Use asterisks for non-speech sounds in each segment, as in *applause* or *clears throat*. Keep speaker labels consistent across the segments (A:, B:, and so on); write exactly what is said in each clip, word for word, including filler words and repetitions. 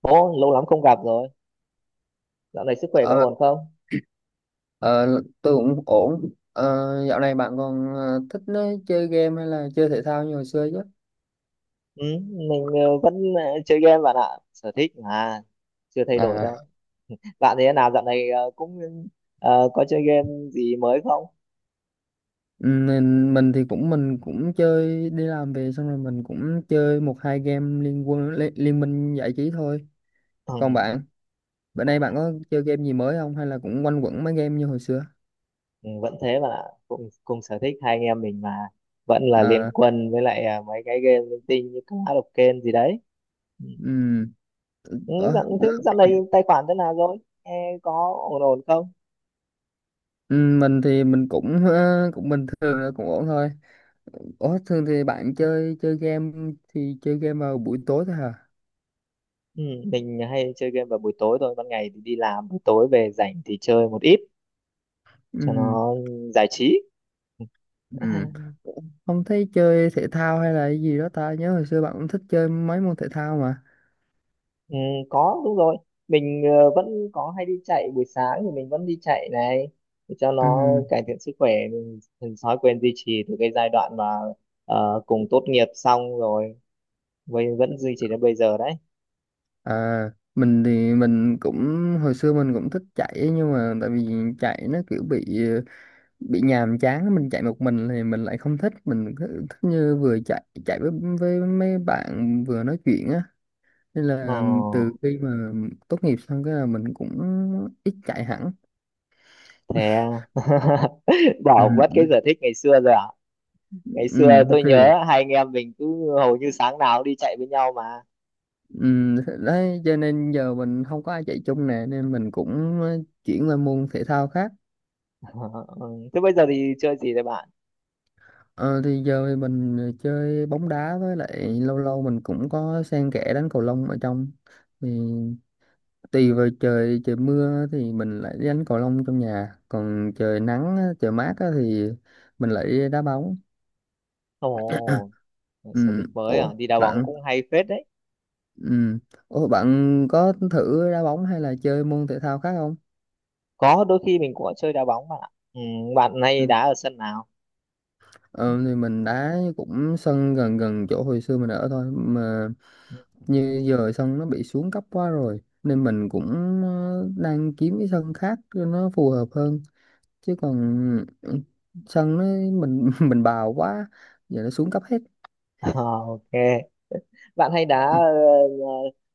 A: Ồ, lâu lắm không gặp rồi. Dạo này sức khỏe
B: Ờ,
A: có ổn không?
B: ờ, tôi cũng ổn. Ờ, Dạo này bạn còn ờ, thích ờ, chơi game hay là chơi thể thao như hồi xưa chứ?
A: Ừ, mình ờ, vẫn ờ, chơi game bạn ạ. Sở thích mà, chưa thay đổi
B: À,
A: đâu. Bạn thế nào dạo này ờ, cũng ờ, có chơi game gì mới không?
B: mình, mình thì cũng mình cũng chơi đi làm về xong rồi mình cũng chơi một hai game liên quân liên, liên minh giải trí thôi.
A: Ừ,
B: Còn bạn, bữa nay bạn có chơi game gì mới không hay là cũng quanh quẩn mấy game như hồi xưa?
A: ừ, vẫn thế bạn ạ. Cùng, cùng sở thích hai anh em mình mà. Vẫn là Liên
B: À,
A: Quân với lại ờ, mấy cái game linh tinh như Clash of Clans gì đấy. Ừ,
B: ừm,
A: ừ,
B: Ủa,
A: dạo, thế dạo này tài khoản thế nào rồi? Ê, có ổn ổn không?
B: ừm, mình thì mình cũng ờ, cũng bình thường là cũng ổn thôi. Ủa, thường thì bạn chơi chơi game thì chơi game vào buổi tối thôi hả?
A: Ừ, mình hay chơi game vào buổi tối thôi. Ban ngày thì đi làm, buổi tối về rảnh thì chơi một ít cho
B: Ừ.
A: nó giải trí.
B: Ừ.
A: *laughs*
B: Ủa, không thấy chơi thể thao hay là cái gì đó, ta nhớ hồi xưa bạn cũng thích chơi mấy môn thể thao mà.
A: Ừ, có đúng rồi. Mình ờ, vẫn có hay đi chạy, buổi sáng thì mình vẫn đi chạy này để cho nó
B: Ừ.
A: cải thiện sức khỏe. Mình, mình thói quen duy trì từ cái giai đoạn mà ờ, cùng tốt nghiệp xong rồi, với vẫn duy trì đến bây giờ đấy.
B: À, mình thì mình cũng hồi xưa mình cũng thích chạy, nhưng mà tại vì chạy nó kiểu bị bị nhàm chán, mình chạy một mình thì mình lại không thích, mình cứ thích như vừa chạy chạy với với mấy bạn vừa nói chuyện á, nên
A: ờ,
B: là từ khi mà tốt nghiệp xong cái là mình cũng ít chạy hẳn.
A: Thế à? *laughs*
B: Ừ,
A: Bỏ mất cái
B: ừ,
A: sở thích ngày xưa rồi à? Ngày xưa
B: ừ.
A: tôi
B: Thì
A: nhớ hai anh em mình cứ hầu như sáng nào cũng đi chạy với nhau mà.
B: Ừm, đấy cho nên giờ mình không có ai chạy chung nè, nên mình cũng ờ, chuyển qua môn thể thao khác.
A: *laughs* Ừ, thế bây giờ thì chơi gì đấy bạn?
B: ờ, thì giờ thì mình ờ, chơi bóng đá, với lại lâu lâu mình cũng có xen kẽ đánh cầu lông ở trong, thì tùy vào trời, trời mưa thì mình lại đi đánh cầu lông trong nhà, còn trời nắng á, trời mát á thì mình lại đi đá bóng.
A: Ồ,
B: *clears throat*
A: sở
B: Ừm,
A: thích mới
B: ủa
A: à? Đi đá bóng
B: bạn
A: cũng hay phết đấy.
B: ừm, ủa bạn có thử đá bóng hay là chơi môn thể thao khác không?
A: Có đôi khi mình cũng có chơi đá bóng bạn ạ. Ừ, bạn hay đá ở sân nào?
B: Ờ, thì mình đá cũng sân gần gần chỗ hồi xưa mình ở thôi mà,
A: *laughs*
B: như giờ sân nó bị xuống cấp quá rồi nên mình cũng ờ, đang kiếm cái sân khác cho nó phù hợp hơn. Chứ còn ừ, sân nó, mình *laughs* mình bào quá, giờ nó xuống cấp hết.
A: Ờ, ok, bạn hay đá
B: *clears throat*
A: ờ,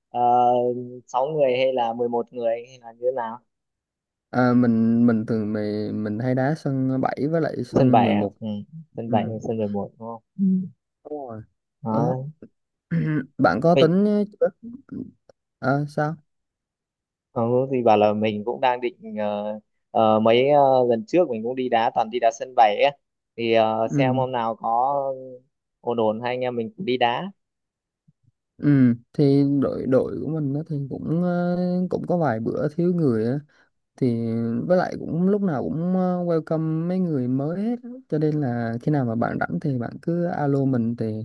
A: ờ, ờ, sáu người hay là mười một người hay là như thế nào?
B: À, mình mình thường mình mình hay đá sân bảy với lại
A: Sân
B: sân
A: bảy à?
B: mười một.
A: Ừ, sân
B: Ừ.
A: bảy hay sân mười một, đúng không? Ừ.
B: Đúng rồi. Ờ,
A: Đó.
B: *clears throat* Bạn có
A: Mình
B: tính chưa? À, sao?
A: ờ, thì bảo là mình cũng đang định, ờ, ờ, mấy ờ, lần trước mình cũng đi đá toàn đi đá sân bảy ấy, thì ờ, xem
B: Ừ.
A: hôm nào có ổn ổn hai anh em mình cũng đi đá.
B: Ừ, thì đội đội của mình á thì cũng ờ, cũng có vài bữa thiếu người á, thì với lại cũng lúc nào cũng ờ, welcome mấy người mới hết á, cho nên là khi nào mà bạn rảnh thì bạn cứ alo mình thì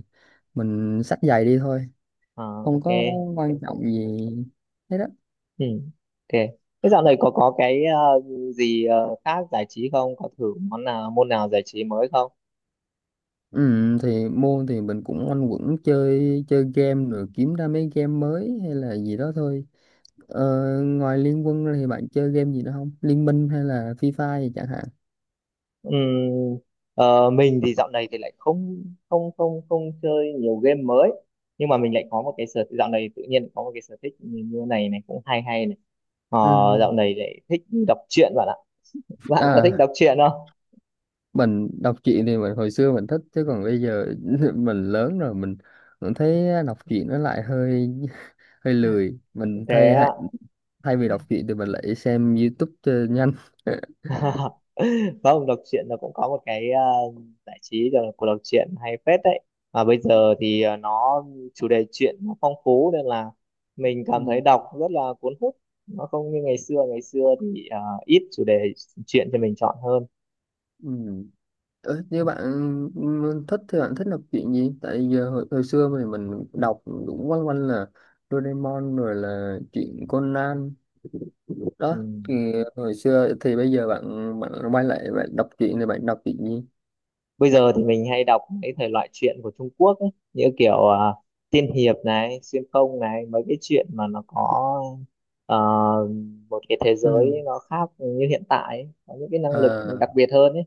B: mình xách giày đi thôi,
A: Ờ,
B: không
A: ok.
B: có quan trọng gì hết á.
A: Ừ, ok. Thế dạo này có có cái ờ, gì ờ, khác giải trí không? Có thử món nào môn nào giải trí mới không?
B: Ừ, thì môn thì mình cũng quanh quẩn chơi chơi game rồi kiếm ra mấy game mới hay là gì đó thôi. Ờ, ngoài Liên Quân ra thì bạn chơi game gì nữa không, Liên Minh hay là Free Fire chẳng hạn?
A: Ừm, ờ, mình thì dạo này thì lại không không không không chơi nhiều game mới, nhưng mà mình lại có một cái sở dạo này tự nhiên có một cái sở thích như như này này cũng hay hay này. Ờ,
B: Ừ.
A: Dạo này lại thích đọc truyện bạn ạ. Bạn có thích
B: À,
A: đọc truyện không?
B: mình đọc truyện thì mình hồi xưa mình thích, chứ còn bây giờ *laughs* mình lớn rồi, mình cũng thấy đọc truyện nó lại hơi *laughs* hơi lười, mình
A: Thế
B: thay hay- thay vì đọc truyện thì mình lại xem YouTube cho nhanh. *laughs*
A: *laughs* vâng, đọc truyện nó cũng có một cái ờ, giải trí gọi là của đọc truyện hay phết đấy. Mà bây giờ thì ờ, nó chủ đề truyện nó phong phú nên là mình cảm thấy
B: Ừ.
A: đọc rất là cuốn hút. Nó không như ngày xưa, ngày xưa thì ờ, ít chủ đề truyện cho mình chọn hơn.
B: Ừ. Ờ, Như bạn ừ, thích thì bạn thích đọc truyện gì? Tại giờ hồi, hồi xưa thì mình đọc cũng quanh quanh là Doraemon rồi là truyện Conan
A: Ừ.
B: đó, thì hồi xưa thì bây giờ bạn bạn quay lại bạn đọc truyện thì bạn đọc truyện gì?
A: Bây giờ thì mình hay đọc mấy thể loại truyện của Trung Quốc ấy, như kiểu à, tiên hiệp này, xuyên không này, mấy cái chuyện mà nó có ờ, một cái thế giới nó khác như hiện tại ấy, có những cái năng lực
B: Ừ.
A: đặc biệt hơn ấy.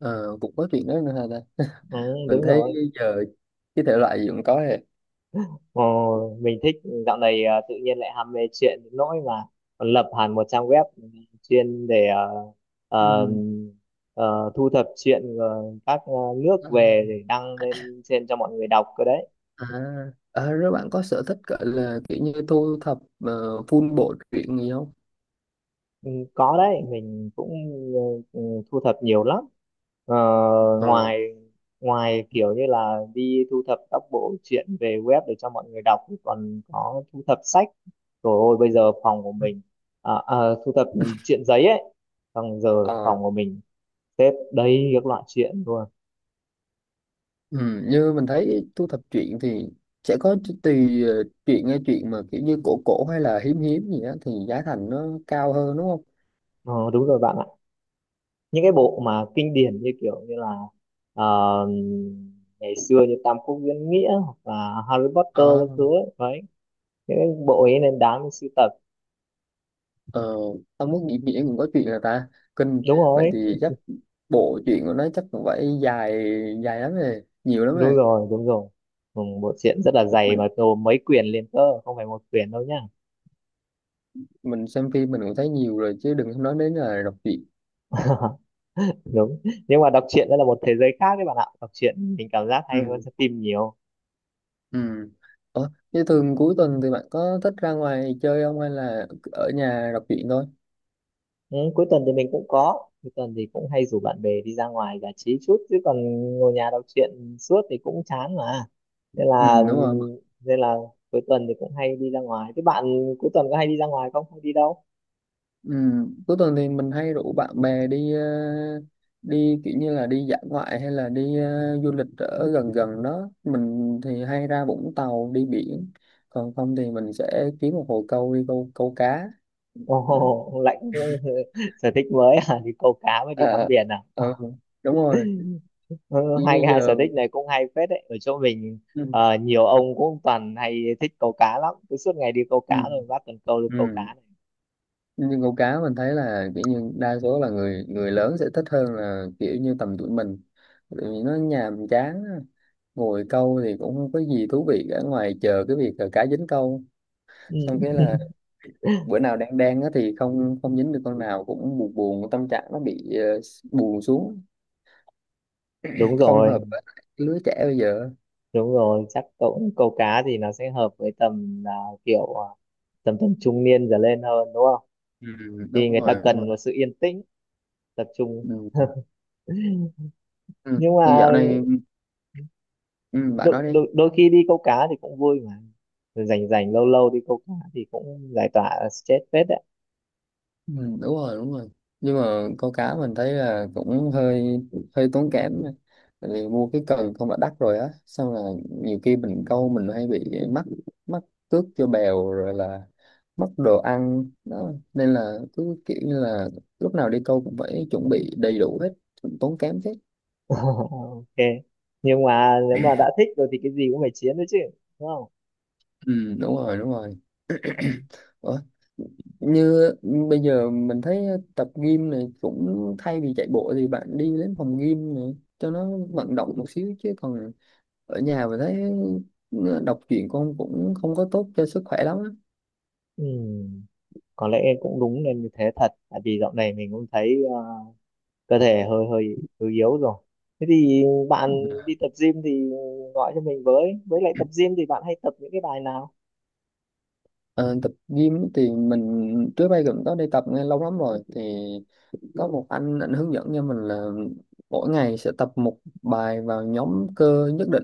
B: Ờ, Cũng có chuyện đó nữa hả ta? *laughs*
A: Ừ,
B: Mình
A: đúng
B: thấy
A: rồi.
B: giờ cái thể loại gì cũng có hết.
A: Ờ, mình thích, dạo này ờ, tự nhiên lại ham mê chuyện đến nỗi mà còn lập hẳn một trang web chuyên để ờ, ờ,
B: Ừ.
A: ờ, thu thập chuyện ờ, các ờ, nước
B: À,
A: về để đăng lên trên cho mọi người đọc cơ đấy.
B: à, à, rồi
A: Ừ.
B: bạn có sở thích gọi là kiểu như thu thập ờ, full bộ truyện gì không?
A: Ừ, có đấy, mình cũng ừ, ừ, thu thập nhiều lắm. ờ,
B: Ờ.
A: Ngoài ngoài kiểu như là đi thu thập các bộ truyện về web để cho mọi người đọc thì còn có thu thập sách. Rồi ôi bây giờ phòng của
B: Ừ.
A: mình, à, à, thu thập truyện giấy ấy, xong giờ
B: Ờ,
A: phòng của mình xếp đầy các loại truyện luôn.
B: ừ, như mình thấy thu thập truyện thì sẽ có ch- tùy ờ, truyện, nghe truyện mà kiểu như cổ cổ hay là hiếm hiếm gì á thì giá thành nó cao hơn, đúng
A: ờ, Đúng rồi bạn ạ, những cái bộ mà kinh điển như kiểu như là ờ, ngày xưa như Tam Quốc Diễn Nghĩa hoặc là Harry Potter các thứ
B: không?
A: ấy. Đấy, cái bộ ấy nên đáng để sưu tập.
B: Ờ, Tao muốn nghĩ nghĩa cũng có chuyện là ta kinh,
A: Đúng
B: vậy
A: rồi,
B: thì chắc bộ chuyện của nó chắc cũng phải dài, dài lắm rồi, nhiều lắm rồi.
A: đúng rồi, đúng rồi. Ừ, bộ truyện rất là dày
B: mình
A: mà gồm mấy quyển liền cơ không phải một quyển đâu nhá.
B: mình xem phim mình cũng thấy nhiều rồi chứ đừng có nói đến là đọc truyện.
A: *laughs* Đúng, nhưng mà đọc truyện đó là một thế giới khác đấy bạn ạ, đọc truyện mình cảm giác hay hơn
B: Ừ.
A: xem phim nhiều.
B: Ừ. Ủa, thế thường cuối tuần thì bạn có thích ra ngoài chơi không, hay là ở nhà đọc truyện thôi?
A: Ừ, cuối tuần thì mình cũng có cuối tuần thì cũng hay rủ bạn bè đi ra ngoài giải trí chút, chứ còn ngồi nhà đọc truyện suốt thì cũng chán mà, nên
B: Ừ,
A: là
B: đúng rồi.
A: nên là cuối tuần thì cũng hay đi ra ngoài. Thế bạn cuối tuần có hay đi ra ngoài không, không đi đâu?
B: Ừ. Cuối tuần thì mình hay rủ bạn bè đi ờ, đi kiểu như là đi dã ngoại hay là đi ờ, du lịch ở gần gần đó, mình thì hay ra Vũng Tàu đi biển, còn không thì mình sẽ kiếm một hồ câu đi câu câu cá, đấy.
A: Ồ, Lãnh *laughs* sở thích mới à? Đi câu cá với đi ngắm
B: Ờ,
A: biển à?
B: ờ, Đúng rồi,
A: Ừ,
B: như
A: hai
B: như
A: hai sở
B: giờ.
A: thích này cũng hay phết đấy. Ở chỗ mình
B: Ừ.
A: ờ, nhiều ông cũng toàn hay thích câu cá lắm. Cứ suốt ngày đi câu cá
B: Ừ.
A: rồi bắt cần câu đi câu cá
B: Ừ.
A: này.
B: Nhưng câu cá mình thấy là kiểu như đa số là người người lớn sẽ thích hơn là kiểu như tầm tuổi mình, tại vì nó nhàm chán á. Ngồi câu thì cũng không có gì thú vị cả ngoài chờ cái việc là cá dính câu,
A: Ừ.
B: xong cái là
A: *laughs*
B: bữa nào đang đang á thì không không dính được con nào cũng buồn, buồn tâm trạng nó bị ờ, buồn xuống,
A: Đúng
B: không
A: rồi,
B: hợp với lại cái lứa trẻ bây giờ.
A: đúng rồi. Chắc cậu câu cá thì nó sẽ hợp với tầm là, kiểu à, tầm tầm trung niên trở lên hơn, đúng không?
B: Ừ, đúng
A: Thì người ta
B: rồi, đúng
A: cần
B: rồi.
A: một sự yên tĩnh, tập trung. *laughs*
B: Ừ. Ừ.
A: Nhưng mà
B: Dạo này, ừ, bạn
A: đôi,
B: nói đi.
A: đôi, đôi khi đi câu cá thì cũng vui mà. Rồi rảnh rảnh lâu lâu đi câu cá thì cũng giải tỏa stress phết đấy.
B: Ừ, đúng rồi, đúng rồi. Nhưng mà câu cá mình thấy là cũng hơi, hơi tốn kém, tại vì mua cái cần không đã đắt rồi á, xong là nhiều khi mình câu mình hay bị mắc, mắc cước cho bèo, rồi là mất đồ ăn đó, nên là cứ kiểu như là lúc nào đi câu cũng phải chuẩn bị đầy đủ hết, tốn kém thế.
A: *laughs* Ok, nhưng mà nếu mà đã thích rồi thì cái gì cũng phải chiến đấy chứ, đúng không?
B: Ừ, đúng rồi, đúng rồi. Ủa? Như bây giờ mình thấy tập gym này, cũng thay vì chạy bộ thì bạn đi đến phòng gym này cho nó vận động một xíu, chứ còn ở nhà mình thấy đọc truyện con cũng không có tốt cho sức khỏe lắm á.
A: Ừ, có lẽ em cũng đúng nên như thế thật, tại vì dạo này mình cũng thấy ờ, cơ thể hơi hơi hơi yếu rồi. Thế thì bạn đi
B: *laughs*
A: tập gym thì gọi cho mình với với lại tập gym thì bạn hay tập những cái bài nào?
B: Ờ, Tập gym thì mình trước đây cũng có đi tập nghe lâu lắm rồi, thì có một anh, anh hướng dẫn cho mình là mỗi ngày sẽ tập một bài vào nhóm cơ nhất định,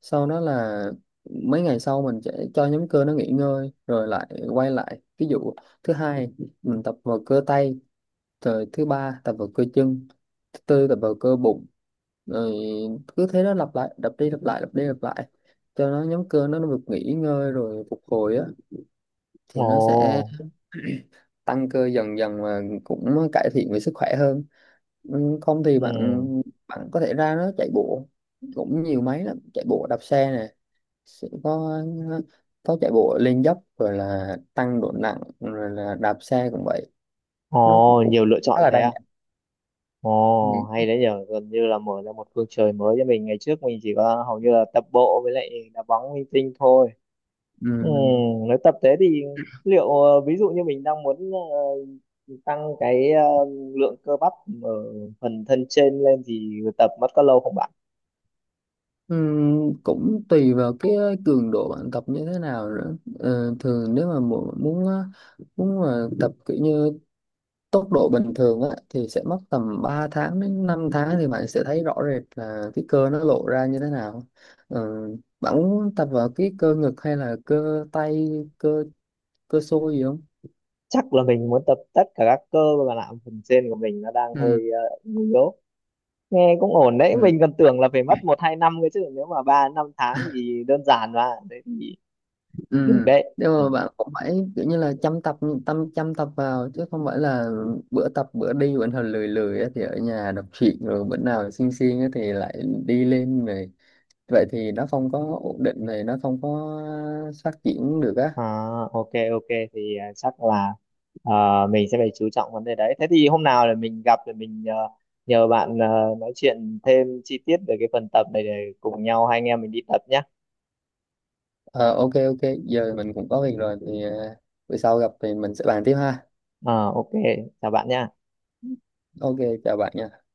B: sau đó là mấy ngày sau mình sẽ cho nhóm cơ nó nghỉ ngơi rồi lại quay lại. Ví dụ thứ hai mình tập vào cơ tay, rồi thứ ba tập vào cơ chân, thứ tư tập vào cơ bụng, rồi cứ thế đó lặp lại đập đi, lặp lại đập đi lặp lại, cho nó nhóm cơ nó được nghỉ ngơi rồi phục hồi á, thì
A: Ồ.
B: nó sẽ tăng cơ dần dần và cũng cải thiện về sức khỏe hơn. Ừ, không thì
A: Ừ.
B: bạn bạn có thể ra nó chạy bộ, cũng nhiều máy lắm, chạy bộ đạp xe sẽ có có chạy bộ lên dốc, rồi là tăng độ nặng, rồi là đạp xe cũng vậy, nó cũng,
A: Ồ,
B: cũng
A: nhiều lựa
B: khá
A: chọn
B: là
A: thế
B: đa
A: à?
B: dạng.
A: Ồ,
B: Ừ.
A: hay đấy nhờ, gần như là mở ra một phương trời mới cho mình. Ngày trước mình chỉ có hầu như là tập bộ với lại đá bóng linh tinh thôi.
B: Ừ.
A: Ừ, nếu tập thế thì liệu ờ, ví dụ như mình đang muốn ờ, tăng cái ờ, lượng cơ bắp ở phần thân trên lên thì tập mất có lâu không bạn?
B: Ừ. Cũng tùy vào cái cường độ bạn tập như thế nào nữa. Ờ, Thường nếu mà mu- muốn ờ, muốn mà tập kiểu như tốc độ bình thường á, thì sẽ mất tầm ba tháng đến năm tháng thì bạn sẽ thấy rõ rệt là cái cơ nó lộ ra như thế nào. Ờ, Bạn muốn tập vào cái cơ ngực hay là cơ tay, cơ cơ xôi gì không?
A: Chắc là mình muốn tập tất cả các cơ, mà làm phần trên của mình nó đang
B: Ừ.
A: hơi ờ, yếu. Nghe cũng ổn đấy,
B: Ừ.
A: mình còn tưởng là phải mất một hai năm cơ chứ, nếu mà ba năm tháng thì đơn giản mà. Đấy thì
B: Ừ.
A: được đấy.
B: Nhưng
A: Ừ.
B: mà bạn cũng phải kiểu như là chăm tập, tâm chăm tập vào, chứ không phải là bữa tập bữa đi, bữa nào lười lười á thì ở nhà đọc truyện, rồi bữa nào siêng siêng á thì lại đi lên này, vậy thì nó không có ổn định này, nó không có phát triển được á.
A: À, ok ok, thì à, chắc là à, mình sẽ phải chú trọng vấn đề đấy. Thế thì hôm nào là mình gặp thì mình à, nhờ bạn à, nói chuyện thêm chi tiết về cái phần tập này để cùng nhau hai anh em mình đi tập nhé.
B: Ờ, ok ok giờ mình cũng có việc rồi thì ờ, bữa sau gặp thì mình sẽ bàn tiếp ha.
A: À, ok, chào bạn nhé.
B: Ok, chào bạn nha.